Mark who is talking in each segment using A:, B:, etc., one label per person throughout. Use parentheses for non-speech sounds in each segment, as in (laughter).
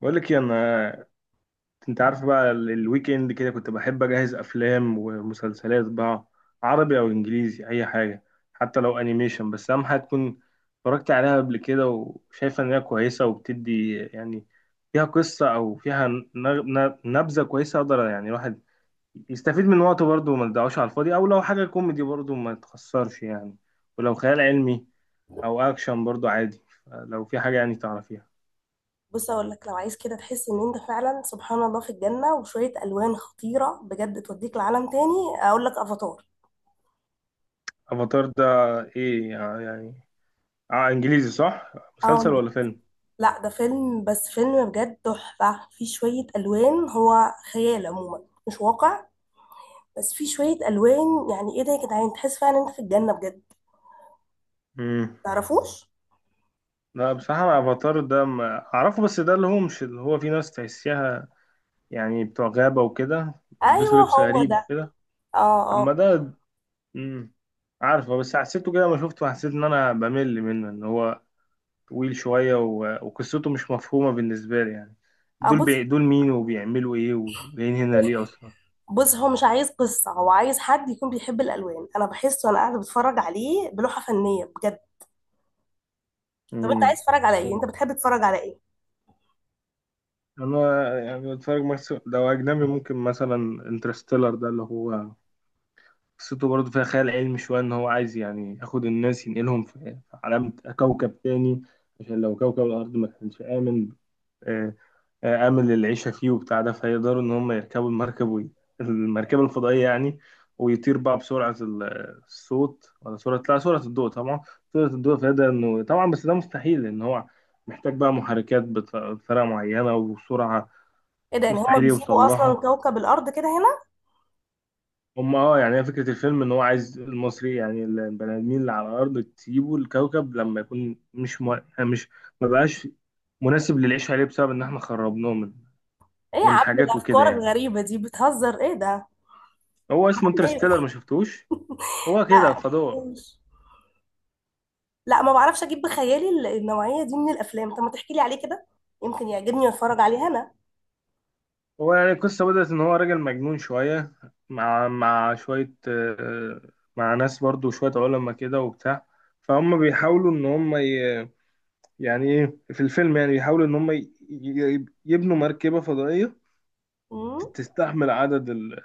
A: بقول لك إيه، انت عارف بقى الويك اند كده، كنت بحب اجهز افلام ومسلسلات بقى، عربي او انجليزي اي حاجه، حتى لو انيميشن. بس اهم حاجه تكون اتفرجت عليها قبل كده وشايفه ان هي كويسه وبتدي يعني فيها قصه، او فيها نبذه كويسه اقدر يعني الواحد يستفيد من وقته برضه وما تضيعوش على الفاضي، او لو حاجه كوميدي برضه ما تخسرش يعني، ولو خيال علمي او اكشن برضه عادي، لو في حاجه يعني تعرفيها.
B: بص اقول لك، لو عايز كده تحس ان انت فعلا سبحان الله في الجنه وشويه الوان خطيره بجد توديك لعالم تاني، اقول لك افاتار.
A: افاتار ده ايه يعني؟ اه انجليزي صح؟ مسلسل
B: اه،
A: ولا فيلم؟
B: لا ده فيلم، بس فيلم بجد تحفه، فيه شويه الوان، هو خيال عموما مش واقع. بس فيه شويه الوان، يعني ايه ده يا جدعان، تحس فعلا انت في الجنه بجد.
A: امم
B: تعرفوش؟
A: لا بصراحة أنا افاتار ده ما اعرفه، بس ده اللي هو مش اللي هو في ناس تحسيها يعني بتوع غابة وكده، يلبسوا
B: ايوه
A: لبس
B: هو
A: غريب
B: ده.
A: كده؟
B: اه
A: اما
B: اه.
A: ده، امم عارفه، بس حسيته كده ما شفته، حسيت ان انا بمل منه، ان هو طويل شوية وقصته مش مفهومة بالنسبة لي يعني،
B: آه، بص.
A: دول مين وبيعملوا ايه وجايين هنا ليه اصلا؟
B: بص هو مش عايز قصه، هو عايز حد يكون بيحب الالوان، انا بحسه وانا قاعده بتفرج عليه بلوحه فنيه بجد. طب انت
A: امم
B: عايز تتفرج على ايه؟ انت بتحب تتفرج على ايه؟
A: انا يعني بتفرج مثلا لو اجنبي، ممكن مثلا انترستيلر ده اللي هو قصته برضه فيها خيال علمي شوية، إن هو عايز يعني ياخد الناس ينقلهم في، في عالم، كوكب تاني، عشان لو كوكب الأرض ما كانش آمن. آه، آمن للعيشة فيه وبتاع ده، فيقدروا إن هم يركبوا المركبة الفضائية يعني، ويطير بقى بسرعة الصوت، ولا سرعة، لا سرعة الضوء طبعا. سرعة الضوء فيقدر إنه، طبعا بس ده مستحيل، لأن هو محتاج بقى محركات بطريقة معينة وسرعة
B: ايه ده؟ يعني هما
A: مستحيل يوصل
B: بيسيبوا اصلا
A: لها.
B: كوكب الارض كده هنا؟
A: هم يعني هي فكرة الفيلم ان هو عايز المصري، يعني البني ادمين اللي على الارض تسيبوا الكوكب لما يكون مش مو... يعني مش ما بقاش مناسب للعيش عليه، بسبب ان احنا خربناه من،
B: ايه يا
A: من
B: عم
A: حاجات وكده
B: الافكار
A: يعني.
B: الغريبه دي، بتهزر؟ ايه ده؟
A: هو اسمه
B: عامل
A: انترستيلر،
B: ايه؟
A: ما شفتوش؟ هو كده
B: لا
A: فضاء.
B: مشفتوش. لا ما بعرفش اجيب بخيالي النوعيه دي من الافلام. طب ما تحكي لي عليه كده، يمكن يعجبني واتفرج عليه انا.
A: هو يعني القصة بدأت ان هو راجل مجنون شوية، مع شوية مع ناس برضو شوية علماء كده وبتاع، فهم بيحاولوا ان هم يعني ايه في الفيلم، يعني بيحاولوا ان هم يبنوا مركبة فضائية
B: امم.
A: تستحمل عدد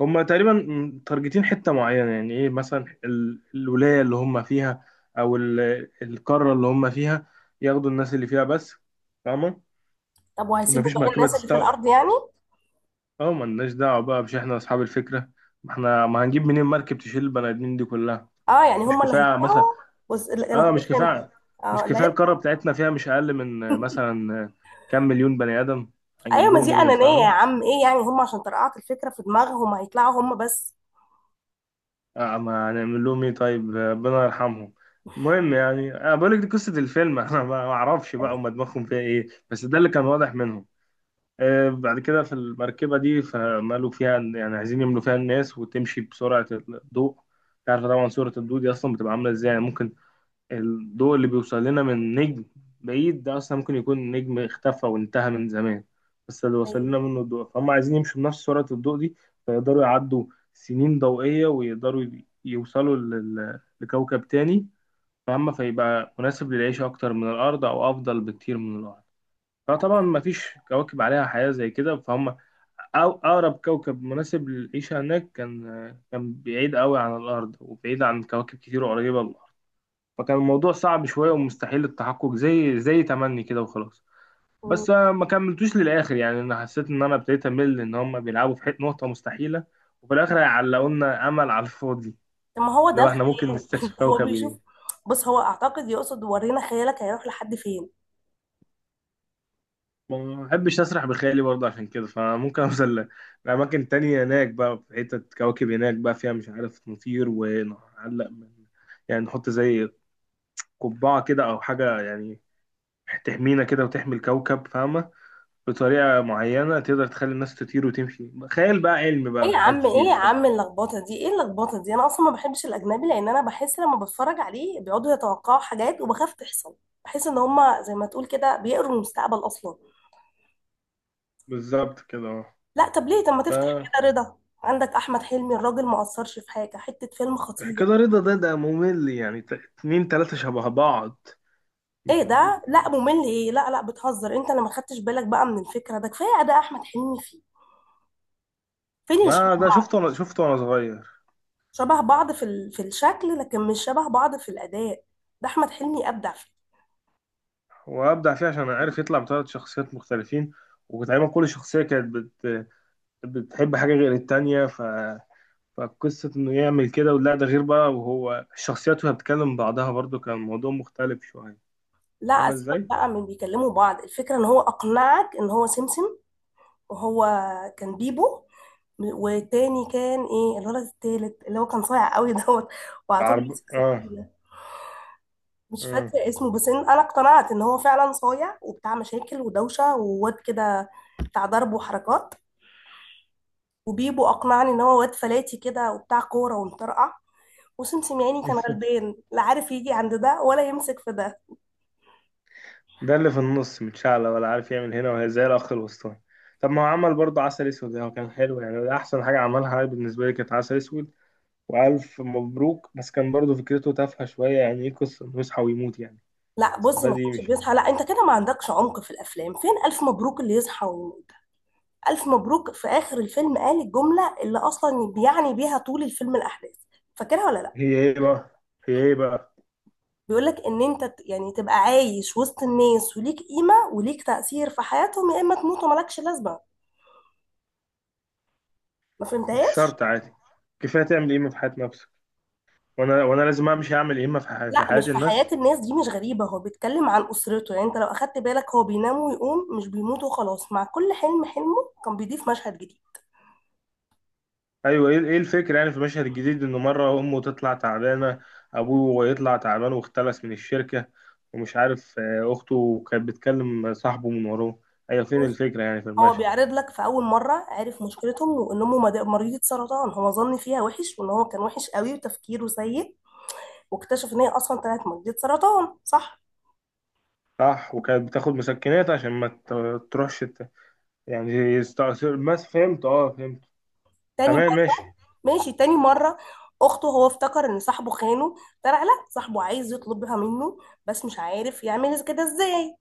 A: هم تقريبا متارجتين حتة معينة، يعني ايه مثلا الولاية اللي هم فيها، او القارة اللي هم فيها، ياخدوا الناس اللي فيها بس، فاهمة؟
B: طب وهيسيبوا
A: مفيش
B: بقى
A: مركبة
B: الناس اللي في
A: تستوعب.
B: الارض يعني؟
A: اه ملناش دعوة بقى، مش احنا اصحاب الفكرة، ما احنا ما هنجيب منين مركب تشيل البني ادمين دي كلها.
B: اه يعني
A: مش
B: هما اللي
A: كفاية مثلا؟
B: هيدفعوا؟ بص لا، انا
A: اه مش
B: كده فهمت.
A: كفاية. مش
B: اه لا
A: كفاية، القارة بتاعتنا فيها مش اقل من مثلا كام مليون بني ادم، هنجيب
B: ايوه ما
A: لهم
B: دي
A: منين،
B: انانيه يا
A: فاهمة؟
B: عم، ايه يعني هما عشان طرقعت الفكره في دماغهم هيطلعوا هما بس؟
A: آه ما هنعمل لهم ايه، طيب ربنا يرحمهم. المهم يعني انا بقول لك دي قصه الفيلم، (laughs) انا ما اعرفش بقى
B: ايوه.
A: هم دماغهم فيها ايه، بس ده اللي كان واضح منهم. آه بعد كده في المركبه دي، فمالوا فيها يعني عايزين يملوا فيها الناس وتمشي بسرعه الضوء. انت عارف طبعا سرعه الضوء دي اصلا بتبقى عامله ازاي؟ يعني ممكن الضوء اللي بيوصل لنا من نجم بعيد ده أصلا ممكن يكون نجم اختفى وانتهى من زمان، بس اللي وصل لنا
B: ايوه.
A: منه الضوء، فهم عايزين يمشوا بنفس سرعة الضوء دي، فيقدروا يعدوا سنين ضوئية ويقدروا يوصلوا لكوكب تاني، فهم فيبقى مناسب للعيش أكتر من الأرض، أو أفضل بكتير من الأرض. فطبعا
B: أيوة.
A: مفيش كواكب عليها حياة زي كده، فهم. أو أقرب كوكب مناسب للعيشة هناك كان، بعيد قوي عن الأرض وبعيد عن كواكب كتير قريبة، فكان الموضوع صعب شوية ومستحيل التحقق، زي تمني كده وخلاص.
B: مم.
A: بس أنا ما كملتوش للآخر، يعني أنا حسيت إن أنا ابتديت أمل إن هم بيلعبوا في حتة نقطة مستحيلة، وفي الآخر هيعلقوا لنا أمل على الفاضي.
B: طب ما هو ده
A: لو إحنا ممكن
B: الخيال
A: نستكشف
B: (laughs) هو
A: كوكب
B: بيشوف.
A: جديد،
B: بص هو اعتقد يقصد ورينا خيالك هيروح لحد فين.
A: ما بحبش أسرح بخيالي برضه عشان كده، فممكن أوصل لأماكن تانية، هناك بقى في حتة كواكب هناك بقى فيها مش عارف، نطير ونعلق من، يعني نحط زي قبعة كده أو حاجة يعني، تحمينا كده وتحمي الكوكب، فاهمة؟ بطريقة معينة تقدر تخلي الناس تطير وتمشي، خيال بقى، علم
B: ايه
A: بقى،
B: يا
A: حاجات
B: عم، ايه
A: كتير.
B: يا
A: طب
B: عم اللخبطه دي، ايه اللخبطه دي؟ انا اصلا ما بحبش الاجنبي، لان انا بحس لما بتفرج عليه بيقعدوا يتوقعوا حاجات وبخاف تحصل. بحس ان هما زي ما تقول كده بيقروا المستقبل اصلا.
A: بالظبط كده اه.
B: لا طب ليه، طب ما
A: ف
B: تفتح كده رضا. عندك احمد حلمي الراجل ما قصرش في حاجه، حته فيلم خطير.
A: كده رضا ده ممل يعني، اتنين تلاتة شبه بعض،
B: ايه
A: مش عارف
B: ده؟ لا
A: ايه.
B: ممل ايه؟ لا لا بتهزر، انت اللي ما خدتش بالك بقى من الفكره. ده كفايه اداء احمد حلمي فيه. فين اللي
A: ما
B: شبه
A: ده شفته
B: بعض؟
A: وانا، صغير.
B: شبه بعض في في الشكل، لكن مش شبه بعض في الاداء. ده احمد حلمي ابدع فيه.
A: وابدع فيه عشان عارف يطلع بثلاث شخصيات مختلفين، وتقريبا كل شخصية كانت بتحب حاجة غير التانية، فقصة إنه يعمل كده، ولا ده غير بقى، وهو الشخصيات وهي بتكلم بعضها برضو، كان الموضوع مختلف شوية.
B: لا
A: عامل
B: اسيبك
A: ازاي؟
B: بقى من بيكلموا بعض، الفكره ان هو اقنعك ان هو سمسم. وهو كان بيبو، والتاني كان ايه الولد التالت اللي هو كان صايع قوي دوت، وعلى طول
A: العرب
B: بيسكت
A: اه،
B: كده. مش
A: اه.
B: فاكره اسمه، بس إن انا اقتنعت ان هو فعلا صايع وبتاع مشاكل ودوشه وواد كده، بتاع ضرب وحركات. وبيبو اقنعني ان هو واد فلاتي كده وبتاع كوره ومطرقع. وسم سمياني كان
A: (laughs)
B: غلبان، لا عارف يجي عند ده ولا يمسك في ده.
A: ده اللي في النص متشعلق، ولا عارف يعمل هنا، وهي زي الأخ الوسطاني. طب ما هو عمل برضه عسل أسود، هو كان حلو يعني، ده أحسن حاجة عملها بالنسبة لي كانت عسل أسود وألف مبروك. بس كان برضه فكرته تافهة شوية، يعني إيه قصة إنه يصحى ويموت يعني؟
B: لا بص ما
A: استفاد إيه،
B: كانش
A: مش فاهم.
B: بيصحى، لا انت كده ما عندكش عمق في الافلام، فين الف مبروك اللي يصحى ويموت؟ الف مبروك في اخر الفيلم قال الجمله اللي اصلا بيعني بيها طول الفيلم الاحداث، فاكرها ولا لا؟
A: هي إيه بقى هي إيه بقى؟
B: بيقول لك ان انت يعني تبقى عايش وسط الناس وليك قيمه وليك تاثير في حياتهم، يا اما تموت ومالكش لازمه. ما
A: مش
B: فهمتهاش؟
A: شرط عادي، كفاية تعمل قيمة في حياة نفسك، وأنا لازم أمشي أعمل قيمة في حياة،
B: لا
A: لحياة
B: مش في حياة
A: الناس.
B: الناس، دي مش غريبة، هو بيتكلم عن أسرته. يعني أنت لو أخدت بالك هو بينام ويقوم مش بيموت وخلاص، مع كل حلم حلمه كان بيضيف مشهد جديد.
A: ايوه ايه، إيه الفكره يعني في المشهد الجديد؟ انه مره امه تطلع تعبانه، ابوه يطلع تعبان واختلس من الشركه، ومش عارف اخته كانت بتكلم صاحبه من وراه. ايوه فين
B: ماشي.
A: الفكره يعني في
B: هو
A: المشهد؟
B: بيعرض لك في أول مرة عرف مشكلتهم، وإن أمه مريضة سرطان، هو ظن فيها وحش وإن هو كان وحش قوي وتفكيره سيء، واكتشف إن هي أصلا طلعت مريضة سرطان، صح؟
A: صح، وكانت بتاخد مسكنات عشان ما تروحش يعني يستأثر، بس فهمت اه فهمت.
B: تاني
A: تمام
B: مرة.
A: ماشي.
B: ماشي تاني مرة، أخته هو افتكر إن صاحبه خانه، طلع لا صاحبه عايز يطلبها منه بس مش عارف يعمل كده إزاي.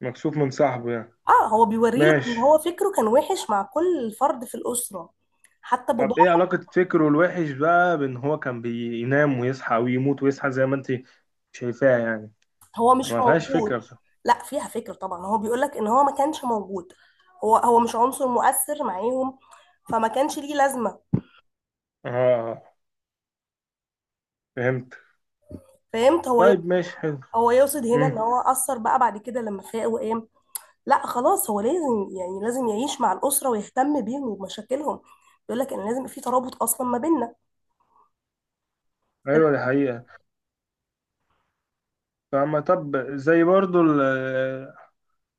A: مكسوف من صاحبه يعني.
B: اه هو بيوريلك ان
A: ماشي.
B: هو فكره كان وحش مع كل فرد في الاسره، حتى باباه.
A: طب ايه علاقة فكره الوحش بقى بان هو كان بينام ويصحى ويموت ويصحى، زي ما انت شايفاها يعني،
B: هو مش
A: ما فيهاش فكرة
B: موجود.
A: بصراحة.
B: لا فيها فكر طبعا، هو بيقولك ان هو ما كانش موجود، هو مش عنصر مؤثر معاهم، فما كانش ليه لازمه.
A: اه فهمت.
B: فهمت.
A: طيب ماشي حلو.
B: هو يقصد هنا ان
A: امم
B: هو اثر بقى بعد كده لما فاق وقام. لا خلاص هو لازم، يعني لازم يعيش مع الاسره ويهتم بيهم وبمشاكلهم، بيقولك ان لازم يبقى في ترابط اصلا ما بيننا.
A: ايوه دي حقيقة. فما طب زي برضو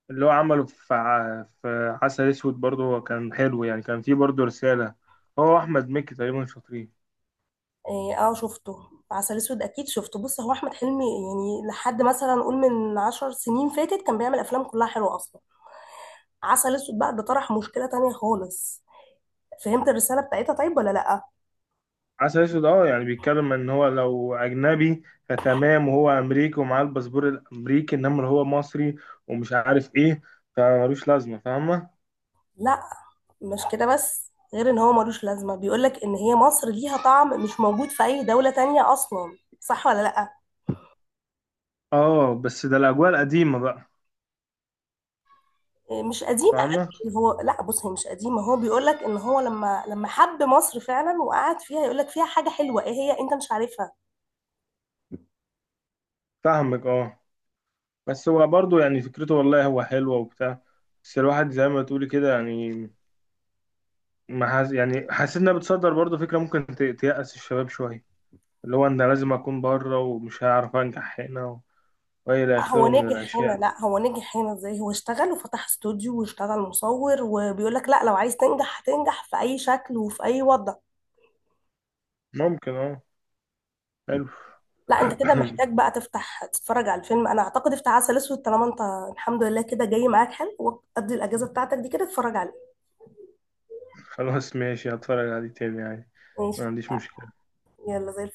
A: اللي هو عمله في في عسل اسود، برضو هو كان حلو يعني، كان فيه برضو رسالة. هو احمد مكي تقريبا شاطرين.
B: اه. آه، شفته. عسل اسود اكيد شفته. بص هو احمد حلمي يعني لحد مثلا نقول من 10 سنين فاتت كان بيعمل افلام كلها حلوه اصلا. عسل اسود بقى ده طرح مشكله تانية خالص، فهمت الرساله بتاعتها طيب ولا لا؟
A: عسل اسود اه، يعني بيتكلم ان هو لو اجنبي فتمام، وهو امريكي ومعاه الباسبور الامريكي، انما لو هو مصري ومش عارف ايه فملوش لازمة، فاهمة؟
B: لا مش كده بس، غير ان هو ملوش لازمه، بيقولك ان هي مصر ليها طعم مش موجود في اي دوله تانية اصلا، صح ولا لا؟
A: اه بس ده الاجواء القديمة بقى.
B: إيه، مش قديمه
A: فاهمة،
B: قوي. هو لا بص هي مش قديمه، هو بيقولك ان هو لما حب مصر فعلا وقعد فيها يقولك فيها حاجه حلوه ايه هي انت مش عارفها.
A: فاهمك اه. بس هو برضه يعني فكرته والله هو حلوة وبتاع، بس الواحد زي ما تقولي كده يعني ما حاس، يعني حاسس انها بتصدر برضه فكرة ممكن تيأس الشباب شوية، اللي هو انا لازم اكون بره ومش هعرف انجح هنا والى
B: هو
A: اخره من
B: نجح هنا،
A: الاشياء دي.
B: لا هو نجح هنا ازاي؟ هو اشتغل وفتح استوديو واشتغل مصور، وبيقول لك لا لو عايز تنجح هتنجح في اي شكل وفي اي وضع.
A: ممكن اه. حلو.
B: لا انت كده
A: (coughs)
B: محتاج بقى تفتح تتفرج على الفيلم، انا اعتقد افتح عسل اسود طالما انت الحمد لله كده جاي معاك حلو، وقضي الاجازه بتاعتك دي كده اتفرج عليه.
A: خلاص ماشي، هتفرج عليه تاني يعني،
B: ماشي.
A: ما عنديش مشكلة.
B: يلا زي